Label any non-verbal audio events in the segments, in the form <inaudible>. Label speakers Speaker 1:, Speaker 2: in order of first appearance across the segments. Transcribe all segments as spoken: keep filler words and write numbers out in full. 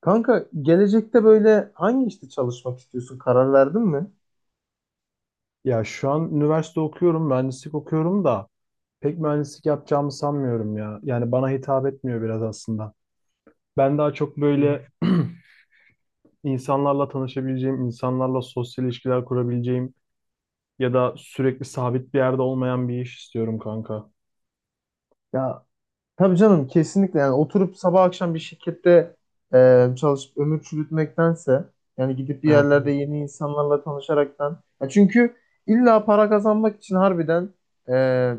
Speaker 1: Kanka, gelecekte böyle hangi işte çalışmak istiyorsun? Karar verdin mi?
Speaker 2: Ya şu an üniversite okuyorum, mühendislik okuyorum da pek mühendislik yapacağımı sanmıyorum ya. Yani bana hitap etmiyor biraz aslında. Ben daha çok
Speaker 1: Yani.
Speaker 2: böyle <clears throat> insanlarla tanışabileceğim, insanlarla sosyal ilişkiler kurabileceğim ya da sürekli sabit bir yerde olmayan bir iş istiyorum kanka.
Speaker 1: Ya. Tabii canım, kesinlikle. Yani oturup sabah akşam bir şirkette e, çalışıp ömür çürütmektense, yani gidip bir
Speaker 2: Evet,
Speaker 1: yerlerde
Speaker 2: evet.
Speaker 1: yeni insanlarla tanışaraktan. Ya, çünkü illa para kazanmak için, harbiden e,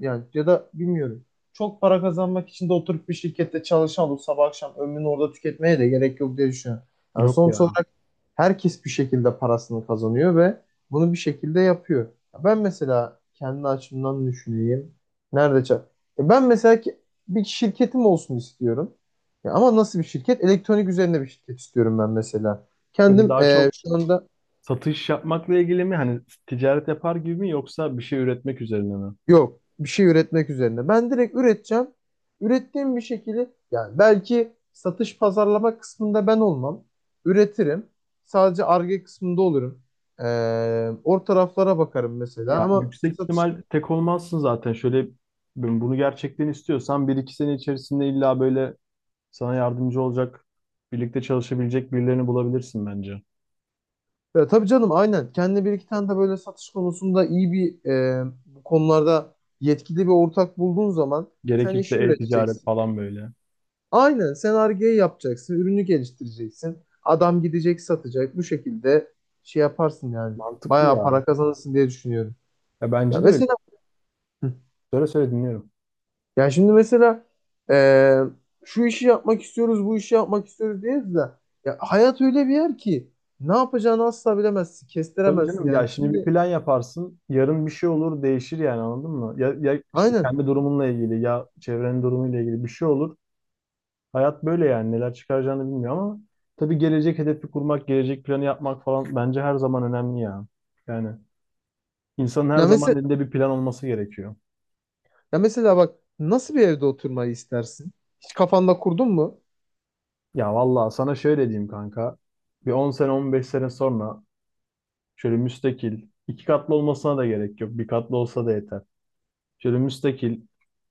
Speaker 1: yani ya da bilmiyorum, çok para kazanmak için de oturup bir şirkette çalışan olup sabah akşam ömrünü orada tüketmeye de gerek yok diye düşünüyorum. Yani
Speaker 2: Yok
Speaker 1: sonuç
Speaker 2: ya.
Speaker 1: olarak herkes bir şekilde parasını kazanıyor ve bunu bir şekilde yapıyor. Ya, ben mesela kendi açımdan düşüneyim. Nerede çal- e Ben mesela ki bir şirketim olsun istiyorum. Ya ama nasıl bir şirket? Elektronik üzerine bir şirket istiyorum ben mesela.
Speaker 2: Böyle
Speaker 1: Kendim,
Speaker 2: daha
Speaker 1: e,
Speaker 2: çok
Speaker 1: şu anda.
Speaker 2: satış yapmakla ilgili mi? Hani ticaret yapar gibi mi yoksa bir şey üretmek üzerine mi?
Speaker 1: Yok, bir şey üretmek üzerine. Ben direkt üreteceğim. Ürettiğim bir şekilde, yani belki satış pazarlama kısmında ben olmam. Üretirim. Sadece Ar-Ge kısmında olurum. E, O taraflara bakarım mesela,
Speaker 2: Ya
Speaker 1: ama
Speaker 2: yüksek
Speaker 1: satış.
Speaker 2: ihtimal tek olmazsın zaten. Şöyle ben bunu gerçekten istiyorsan bir iki sene içerisinde illa böyle sana yardımcı olacak, birlikte çalışabilecek birilerini bulabilirsin bence.
Speaker 1: Ya tabii canım, aynen. Kendine bir iki tane de böyle satış konusunda iyi bir, e, bu konularda yetkili bir ortak bulduğun zaman sen
Speaker 2: Gerekirse
Speaker 1: işi
Speaker 2: e-ticaret
Speaker 1: üreteceksin.
Speaker 2: falan böyle.
Speaker 1: Aynen, sen Ar-Ge yapacaksın, ürünü geliştireceksin. Adam gidecek, satacak. Bu şekilde şey yaparsın yani.
Speaker 2: Mantıklı
Speaker 1: Bayağı
Speaker 2: ya.
Speaker 1: para kazanırsın diye düşünüyorum.
Speaker 2: Ya
Speaker 1: Ya
Speaker 2: bence de öyle.
Speaker 1: mesela. Hı.
Speaker 2: Söyle söyle dinliyorum.
Speaker 1: ya şimdi mesela e, şu işi yapmak istiyoruz, bu işi yapmak istiyoruz diyoruz da, ya hayat öyle bir yer ki ne yapacağını asla bilemezsin,
Speaker 2: Tabii
Speaker 1: kestiremezsin
Speaker 2: canım, ya
Speaker 1: yani.
Speaker 2: şimdi bir
Speaker 1: Şimdi.
Speaker 2: plan yaparsın. Yarın bir şey olur, değişir yani, anladın mı? Ya, ya işte
Speaker 1: Aynen.
Speaker 2: kendi durumunla ilgili ya çevrenin durumuyla ilgili bir şey olur. Hayat böyle, yani neler çıkaracağını bilmiyor ama tabii gelecek hedefi kurmak, gelecek planı yapmak falan bence her zaman önemli ya. Yani insanın her
Speaker 1: Ya
Speaker 2: zaman
Speaker 1: mesela
Speaker 2: elinde bir plan olması gerekiyor.
Speaker 1: Ya mesela bak, nasıl bir evde oturmayı istersin? Hiç kafanda kurdun mu?
Speaker 2: Ya vallahi sana şöyle diyeyim kanka. Bir on sene on beş sene sonra şöyle müstakil, iki katlı olmasına da gerek yok. Bir katlı olsa da yeter. Şöyle müstakil,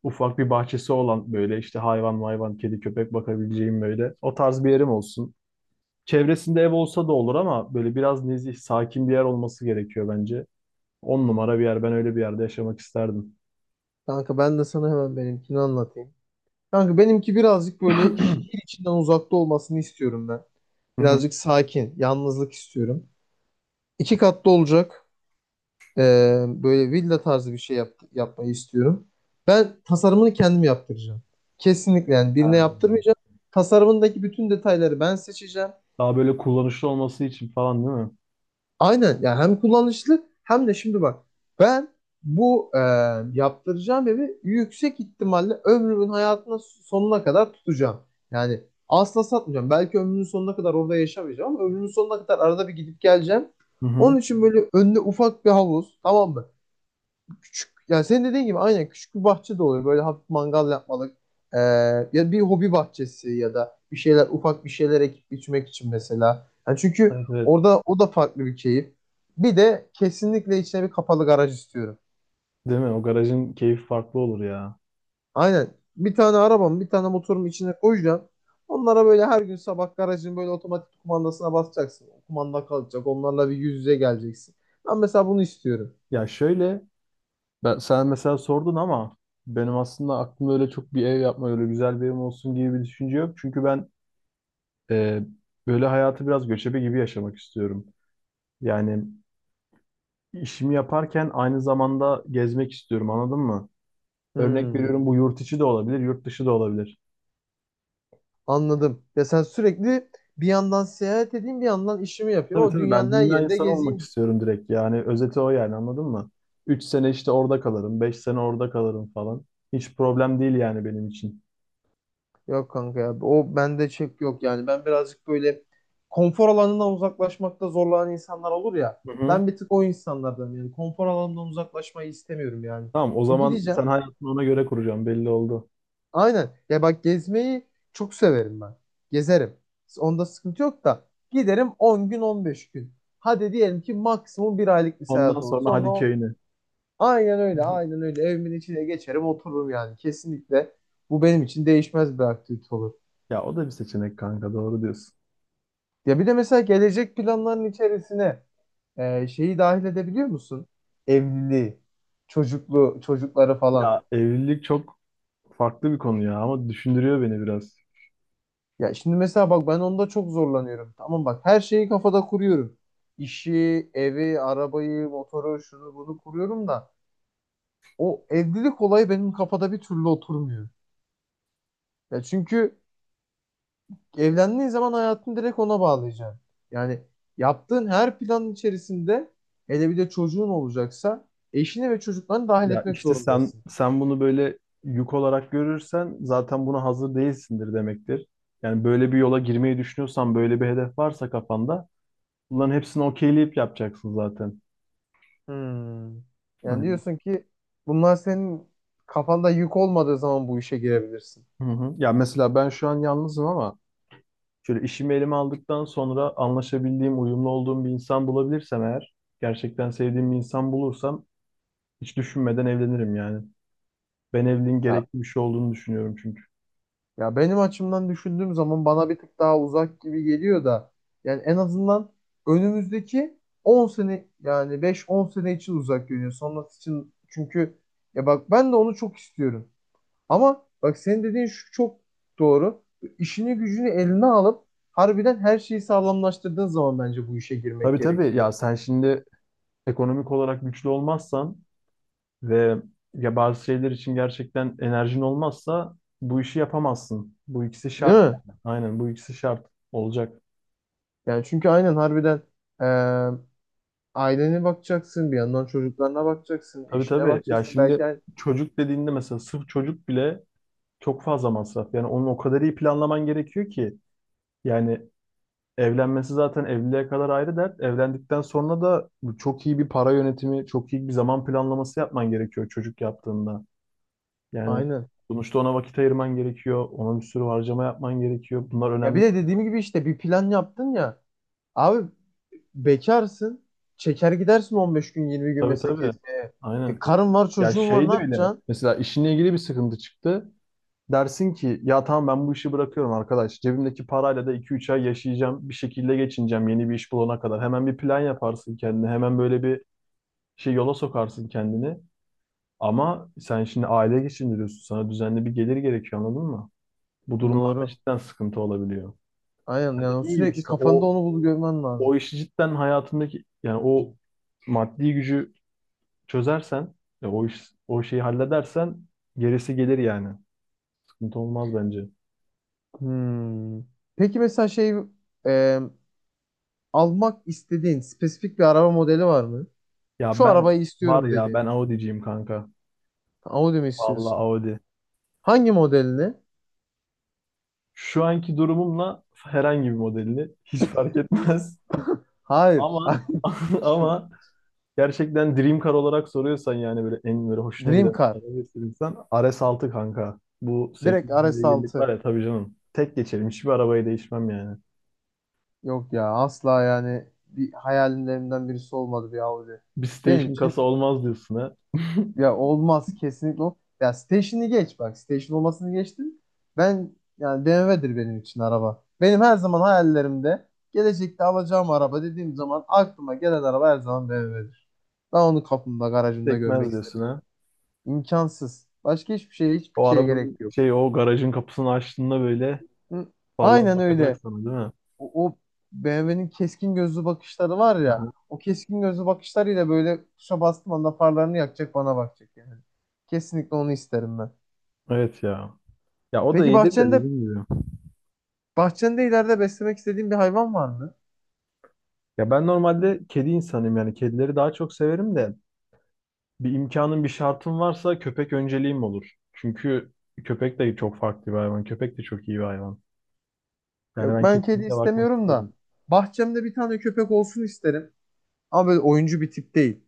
Speaker 2: ufak bir bahçesi olan, böyle işte hayvan mayvan, kedi köpek bakabileceğim böyle. O tarz bir yerim olsun. Çevresinde ev olsa da olur ama böyle biraz nezih, sakin bir yer olması gerekiyor bence. On numara bir yer. Ben öyle bir yerde yaşamak isterdim.
Speaker 1: Kanka, ben de sana hemen benimkini anlatayım. Kanka, benimki birazcık
Speaker 2: <clears throat>
Speaker 1: böyle
Speaker 2: Hı
Speaker 1: şehir içinden uzakta olmasını istiyorum ben.
Speaker 2: hı.
Speaker 1: Birazcık sakin, yalnızlık istiyorum. İki katlı olacak. Ee, böyle villa tarzı bir şey yap- yapmayı istiyorum. Ben tasarımını kendim yaptıracağım. Kesinlikle, yani
Speaker 2: Ha.
Speaker 1: birine yaptırmayacağım. Tasarımındaki bütün detayları ben seçeceğim.
Speaker 2: Daha böyle kullanışlı olması için falan değil mi?
Speaker 1: Aynen, yani hem kullanışlı hem de şimdi bak, ben bu e, yaptıracağım evi yüksek ihtimalle ömrümün hayatına sonuna kadar tutacağım. Yani asla satmayacağım. Belki ömrümün sonuna kadar orada yaşamayacağım, ama ömrümün sonuna kadar arada bir gidip geleceğim.
Speaker 2: Hı hı.
Speaker 1: Onun için böyle önüne ufak bir havuz, tamam mı? Küçük, yani senin dediğin gibi aynen küçük bir bahçe de olur. Böyle hafif mangal yapmalık, ee, ya bir hobi bahçesi ya da bir şeyler, ufak bir şeyler ekip biçmek için mesela. Yani çünkü
Speaker 2: Evet, evet.
Speaker 1: orada o da farklı bir keyif. Bir de kesinlikle içine bir kapalı garaj istiyorum.
Speaker 2: Değil mi? O garajın keyfi farklı olur ya.
Speaker 1: Aynen. Bir tane arabam, bir tane motorum içine koyacağım. Onlara böyle her gün sabah garajın böyle otomatik kumandasına basacaksın. O kumanda kalacak. Onlarla bir yüz yüze geleceksin. Ben mesela bunu istiyorum.
Speaker 2: Ya şöyle, ben sen mesela sordun ama benim aslında aklımda öyle çok bir ev yapma, öyle güzel bir evim olsun gibi bir düşünce yok. Çünkü ben e, böyle hayatı biraz göçebe gibi yaşamak istiyorum. Yani işimi yaparken aynı zamanda gezmek istiyorum, anladın mı? Örnek veriyorum,
Speaker 1: Hmm.
Speaker 2: bu yurt içi de olabilir, yurt dışı da olabilir.
Speaker 1: Anladım. Ya sen sürekli bir yandan seyahat edeyim, bir yandan işimi yapayım,
Speaker 2: Tabii
Speaker 1: ama
Speaker 2: tabii, ben
Speaker 1: dünyanın her
Speaker 2: dünya
Speaker 1: yerinde
Speaker 2: insanı olmak
Speaker 1: gezeyim.
Speaker 2: istiyorum direkt. Yani özeti o yani, anladın mı? Üç sene işte orada kalırım, beş sene orada kalırım falan. Hiç problem değil yani benim için.
Speaker 1: Yok kanka, ya o bende çek yok, yani ben birazcık böyle konfor alanından uzaklaşmakta zorlanan insanlar olur ya.
Speaker 2: Hı hı.
Speaker 1: Ben bir tık o insanlardan, yani konfor alanından uzaklaşmayı istemiyorum yani.
Speaker 2: Tamam, o
Speaker 1: O
Speaker 2: zaman
Speaker 1: gideceğim.
Speaker 2: sen hayatını ona göre kuracaksın, belli oldu.
Speaker 1: Aynen. Ya bak, gezmeyi çok severim ben. Gezerim. Onda sıkıntı yok da, giderim. On gün, on beş gün. Hadi diyelim ki maksimum bir aylık bir
Speaker 2: Ondan
Speaker 1: seyahat olur.
Speaker 2: sonra
Speaker 1: Sonra
Speaker 2: hadi
Speaker 1: o.
Speaker 2: köyüne.
Speaker 1: Aynen öyle,
Speaker 2: <laughs>
Speaker 1: aynen öyle. Evimin içine geçerim, otururum yani. Kesinlikle bu benim için değişmez bir aktivite olur.
Speaker 2: Ya o da bir seçenek kanka, doğru diyorsun.
Speaker 1: Ya bir de mesela gelecek planların içerisine e, şeyi dahil edebiliyor musun? Evliliği, çocuklu, çocukları falan.
Speaker 2: Ya evlilik çok farklı bir konu ya, ama düşündürüyor beni biraz.
Speaker 1: Ya şimdi mesela bak, ben onda çok zorlanıyorum. Tamam bak, her şeyi kafada kuruyorum. İşi, evi, arabayı, motoru, şunu bunu kuruyorum da o evlilik olayı benim kafada bir türlü oturmuyor. Ya çünkü evlendiğin zaman hayatını direkt ona bağlayacaksın. Yani yaptığın her planın içerisinde, hele bir de çocuğun olacaksa, eşini ve çocuklarını dahil
Speaker 2: Ya
Speaker 1: etmek
Speaker 2: işte sen
Speaker 1: zorundasın.
Speaker 2: sen bunu böyle yük olarak görürsen zaten buna hazır değilsindir demektir. Yani böyle bir yola girmeyi düşünüyorsan, böyle bir hedef varsa kafanda, bunların hepsini okeyleyip yapacaksın zaten.
Speaker 1: Hmm. Yani
Speaker 2: Aynen.
Speaker 1: diyorsun ki bunlar senin kafanda yük olmadığı zaman bu işe girebilirsin.
Speaker 2: Hı hı. Ya mesela ben şu an yalnızım ama şöyle işimi elime aldıktan sonra anlaşabildiğim, uyumlu olduğum bir insan bulabilirsem eğer, gerçekten sevdiğim bir insan bulursam hiç düşünmeden evlenirim yani. Ben evliliğin
Speaker 1: Ya,
Speaker 2: gerekli bir şey olduğunu düşünüyorum çünkü.
Speaker 1: ya benim açımdan düşündüğüm zaman bana bir tık daha uzak gibi geliyor da, yani en azından önümüzdeki on sene, yani beş on sene için uzak görünüyor. Sonrası için çünkü. Ya bak, ben de onu çok istiyorum. Ama bak, senin dediğin şu çok doğru. İşini gücünü eline alıp harbiden her şeyi sağlamlaştırdığın zaman bence bu işe girmek
Speaker 2: Tabii tabii,
Speaker 1: gerekiyor.
Speaker 2: ya sen şimdi ekonomik olarak güçlü olmazsan ve ya bazı şeyler için gerçekten enerjin olmazsa bu işi yapamazsın. Bu ikisi
Speaker 1: Değil
Speaker 2: şart
Speaker 1: mi?
Speaker 2: yani. Aynen, bu ikisi şart olacak.
Speaker 1: Yani çünkü aynen harbiden eee ailene bakacaksın, bir yandan çocuklarına bakacaksın,
Speaker 2: Tabii
Speaker 1: eşine
Speaker 2: tabii, ya
Speaker 1: bakacaksın. Belki
Speaker 2: şimdi
Speaker 1: yani-.
Speaker 2: çocuk dediğinde mesela sırf çocuk bile çok fazla masraf. Yani onu o kadar iyi planlaman gerekiyor ki. Yani evlenmesi zaten evliliğe kadar ayrı dert. Evlendikten sonra da çok iyi bir para yönetimi, çok iyi bir zaman planlaması yapman gerekiyor çocuk yaptığında. Yani
Speaker 1: Aynen.
Speaker 2: sonuçta ona vakit ayırman gerekiyor. Ona bir sürü harcama yapman gerekiyor. Bunlar
Speaker 1: Ya
Speaker 2: önemli.
Speaker 1: bir de dediğim gibi işte bir plan yaptın ya. Abi, bekarsın. Çeker gidersin on beş gün, yirmi gün
Speaker 2: Tabii
Speaker 1: mesela
Speaker 2: tabii.
Speaker 1: gezmeye. E,
Speaker 2: Aynen.
Speaker 1: karın var,
Speaker 2: Ya
Speaker 1: çocuğun var,
Speaker 2: şey
Speaker 1: ne
Speaker 2: de öyle.
Speaker 1: yapacaksın?
Speaker 2: Mesela işinle ilgili bir sıkıntı çıktı. Dersin ki ya tamam, ben bu işi bırakıyorum arkadaş. Cebimdeki parayla da iki üç ay yaşayacağım. Bir şekilde geçineceğim yeni bir iş bulana kadar. Hemen bir plan yaparsın kendine. Hemen böyle bir şey, yola sokarsın kendini. Ama sen şimdi aile geçindiriyorsun. Sana düzenli bir gelir gerekiyor, anladın mı? Bu durumlarda
Speaker 1: Doğru.
Speaker 2: cidden sıkıntı olabiliyor.
Speaker 1: Aynen,
Speaker 2: Ya
Speaker 1: yani
Speaker 2: dediğim gibi
Speaker 1: sürekli
Speaker 2: işte
Speaker 1: kafanda
Speaker 2: o
Speaker 1: onu bulup görmen
Speaker 2: o
Speaker 1: lazım.
Speaker 2: işi cidden hayatındaki, yani o maddi gücü çözersen, ya o iş, o şeyi halledersen gerisi gelir yani. Sıkıntı olmaz bence.
Speaker 1: Hmm. Peki mesela şey, e, almak istediğin spesifik bir araba modeli var mı?
Speaker 2: Ya
Speaker 1: Şu
Speaker 2: ben
Speaker 1: arabayı
Speaker 2: Var
Speaker 1: istiyorum
Speaker 2: ya, ben
Speaker 1: dediğin.
Speaker 2: Audi'ciyim kanka.
Speaker 1: Audi mi
Speaker 2: Vallahi
Speaker 1: istiyorsun?
Speaker 2: Audi.
Speaker 1: Hangi modelini?
Speaker 2: Şu anki durumumla herhangi bir modelini hiç fark etmez.
Speaker 1: Hayır.
Speaker 2: Ama <laughs>
Speaker 1: <laughs>
Speaker 2: ama gerçekten dream car olarak soruyorsan, yani böyle en böyle hoşuna
Speaker 1: Dream
Speaker 2: giden
Speaker 1: Car.
Speaker 2: araba istiyorsan, R S altı kanka. Bu sekiz
Speaker 1: Direkt
Speaker 2: beygirlik var
Speaker 1: R S altı.
Speaker 2: ya, tabii canım. Tek geçerim. Hiçbir arabayı değişmem yani.
Speaker 1: Yok ya, asla, yani bir hayallerimden birisi olmadı bir Audi.
Speaker 2: Bir
Speaker 1: Benim
Speaker 2: station
Speaker 1: için.
Speaker 2: kasa olmaz diyorsun ha.
Speaker 1: Ya olmaz kesinlikle. ol- Ya station'ı geç bak. Station olmasını geçtim. Ben yani B M W'dir benim için araba. Benim her zaman hayallerimde gelecekte alacağım araba dediğim zaman aklıma gelen araba her zaman B M W'dir. Ben onu kapımda,
Speaker 2: <laughs>
Speaker 1: garajımda görmek
Speaker 2: Sekmez
Speaker 1: isterim.
Speaker 2: diyorsun ha.
Speaker 1: İmkansız. Başka hiçbir şeye, hiçbir
Speaker 2: O
Speaker 1: şeye gerek
Speaker 2: arabanın
Speaker 1: yok.
Speaker 2: şey, o garajın kapısını açtığında böyle
Speaker 1: Hı.
Speaker 2: parlar,
Speaker 1: Aynen
Speaker 2: bakacak
Speaker 1: öyle.
Speaker 2: sana, değil mi?
Speaker 1: O, o B M W'nin keskin gözlü bakışları var ya.
Speaker 2: Aha.
Speaker 1: O keskin gözlü bakışlarıyla böyle tuşa bastığım anda farlarını yakacak, bana bakacak yani. Kesinlikle onu isterim ben.
Speaker 2: Evet ya. Ya o da
Speaker 1: Peki
Speaker 2: iyidir de,
Speaker 1: bahçende
Speaker 2: dediğim gibi.
Speaker 1: Bahçende ileride beslemek istediğin bir hayvan var mı?
Speaker 2: Ya ben normalde kedi insanıyım, yani kedileri daha çok severim de bir imkanım bir şartım varsa köpek önceliğim olur. Çünkü köpek de çok farklı bir hayvan. Köpek de çok iyi bir hayvan. Yani
Speaker 1: Yok,
Speaker 2: ben
Speaker 1: ben kedi
Speaker 2: kesinlikle bakmak
Speaker 1: istemiyorum da
Speaker 2: isterim.
Speaker 1: bahçemde bir tane köpek olsun isterim. Ama böyle oyuncu bir tip değil.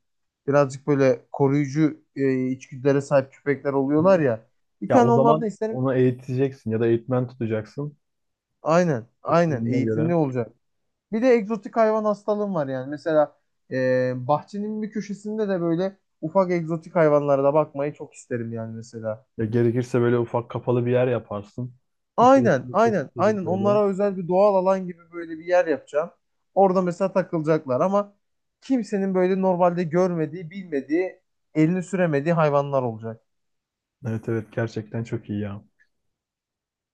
Speaker 1: Birazcık böyle koruyucu e, içgüdülere sahip köpekler oluyorlar
Speaker 2: Hı.
Speaker 1: ya. Bir
Speaker 2: Ya
Speaker 1: tane
Speaker 2: o
Speaker 1: onlardan
Speaker 2: zaman
Speaker 1: isterim.
Speaker 2: onu eğiteceksin ya da eğitmen tutacaksın.
Speaker 1: Aynen, aynen
Speaker 2: Usulüne göre.
Speaker 1: eğitimli olacak. Bir de egzotik hayvan hastalığım var yani. Mesela e, bahçenin bir köşesinde de böyle ufak egzotik hayvanlara da bakmayı çok isterim yani mesela.
Speaker 2: Ya gerekirse böyle ufak kapalı bir yer yaparsın.
Speaker 1: Aynen,
Speaker 2: İçerisinde
Speaker 1: aynen,
Speaker 2: çeşit çeşit
Speaker 1: aynen.
Speaker 2: böyle.
Speaker 1: Onlara özel bir doğal alan gibi böyle bir yer yapacağım. Orada mesela takılacaklar, ama kimsenin böyle normalde görmediği, bilmediği, elini süremediği hayvanlar olacak.
Speaker 2: Evet evet, gerçekten çok iyi ya.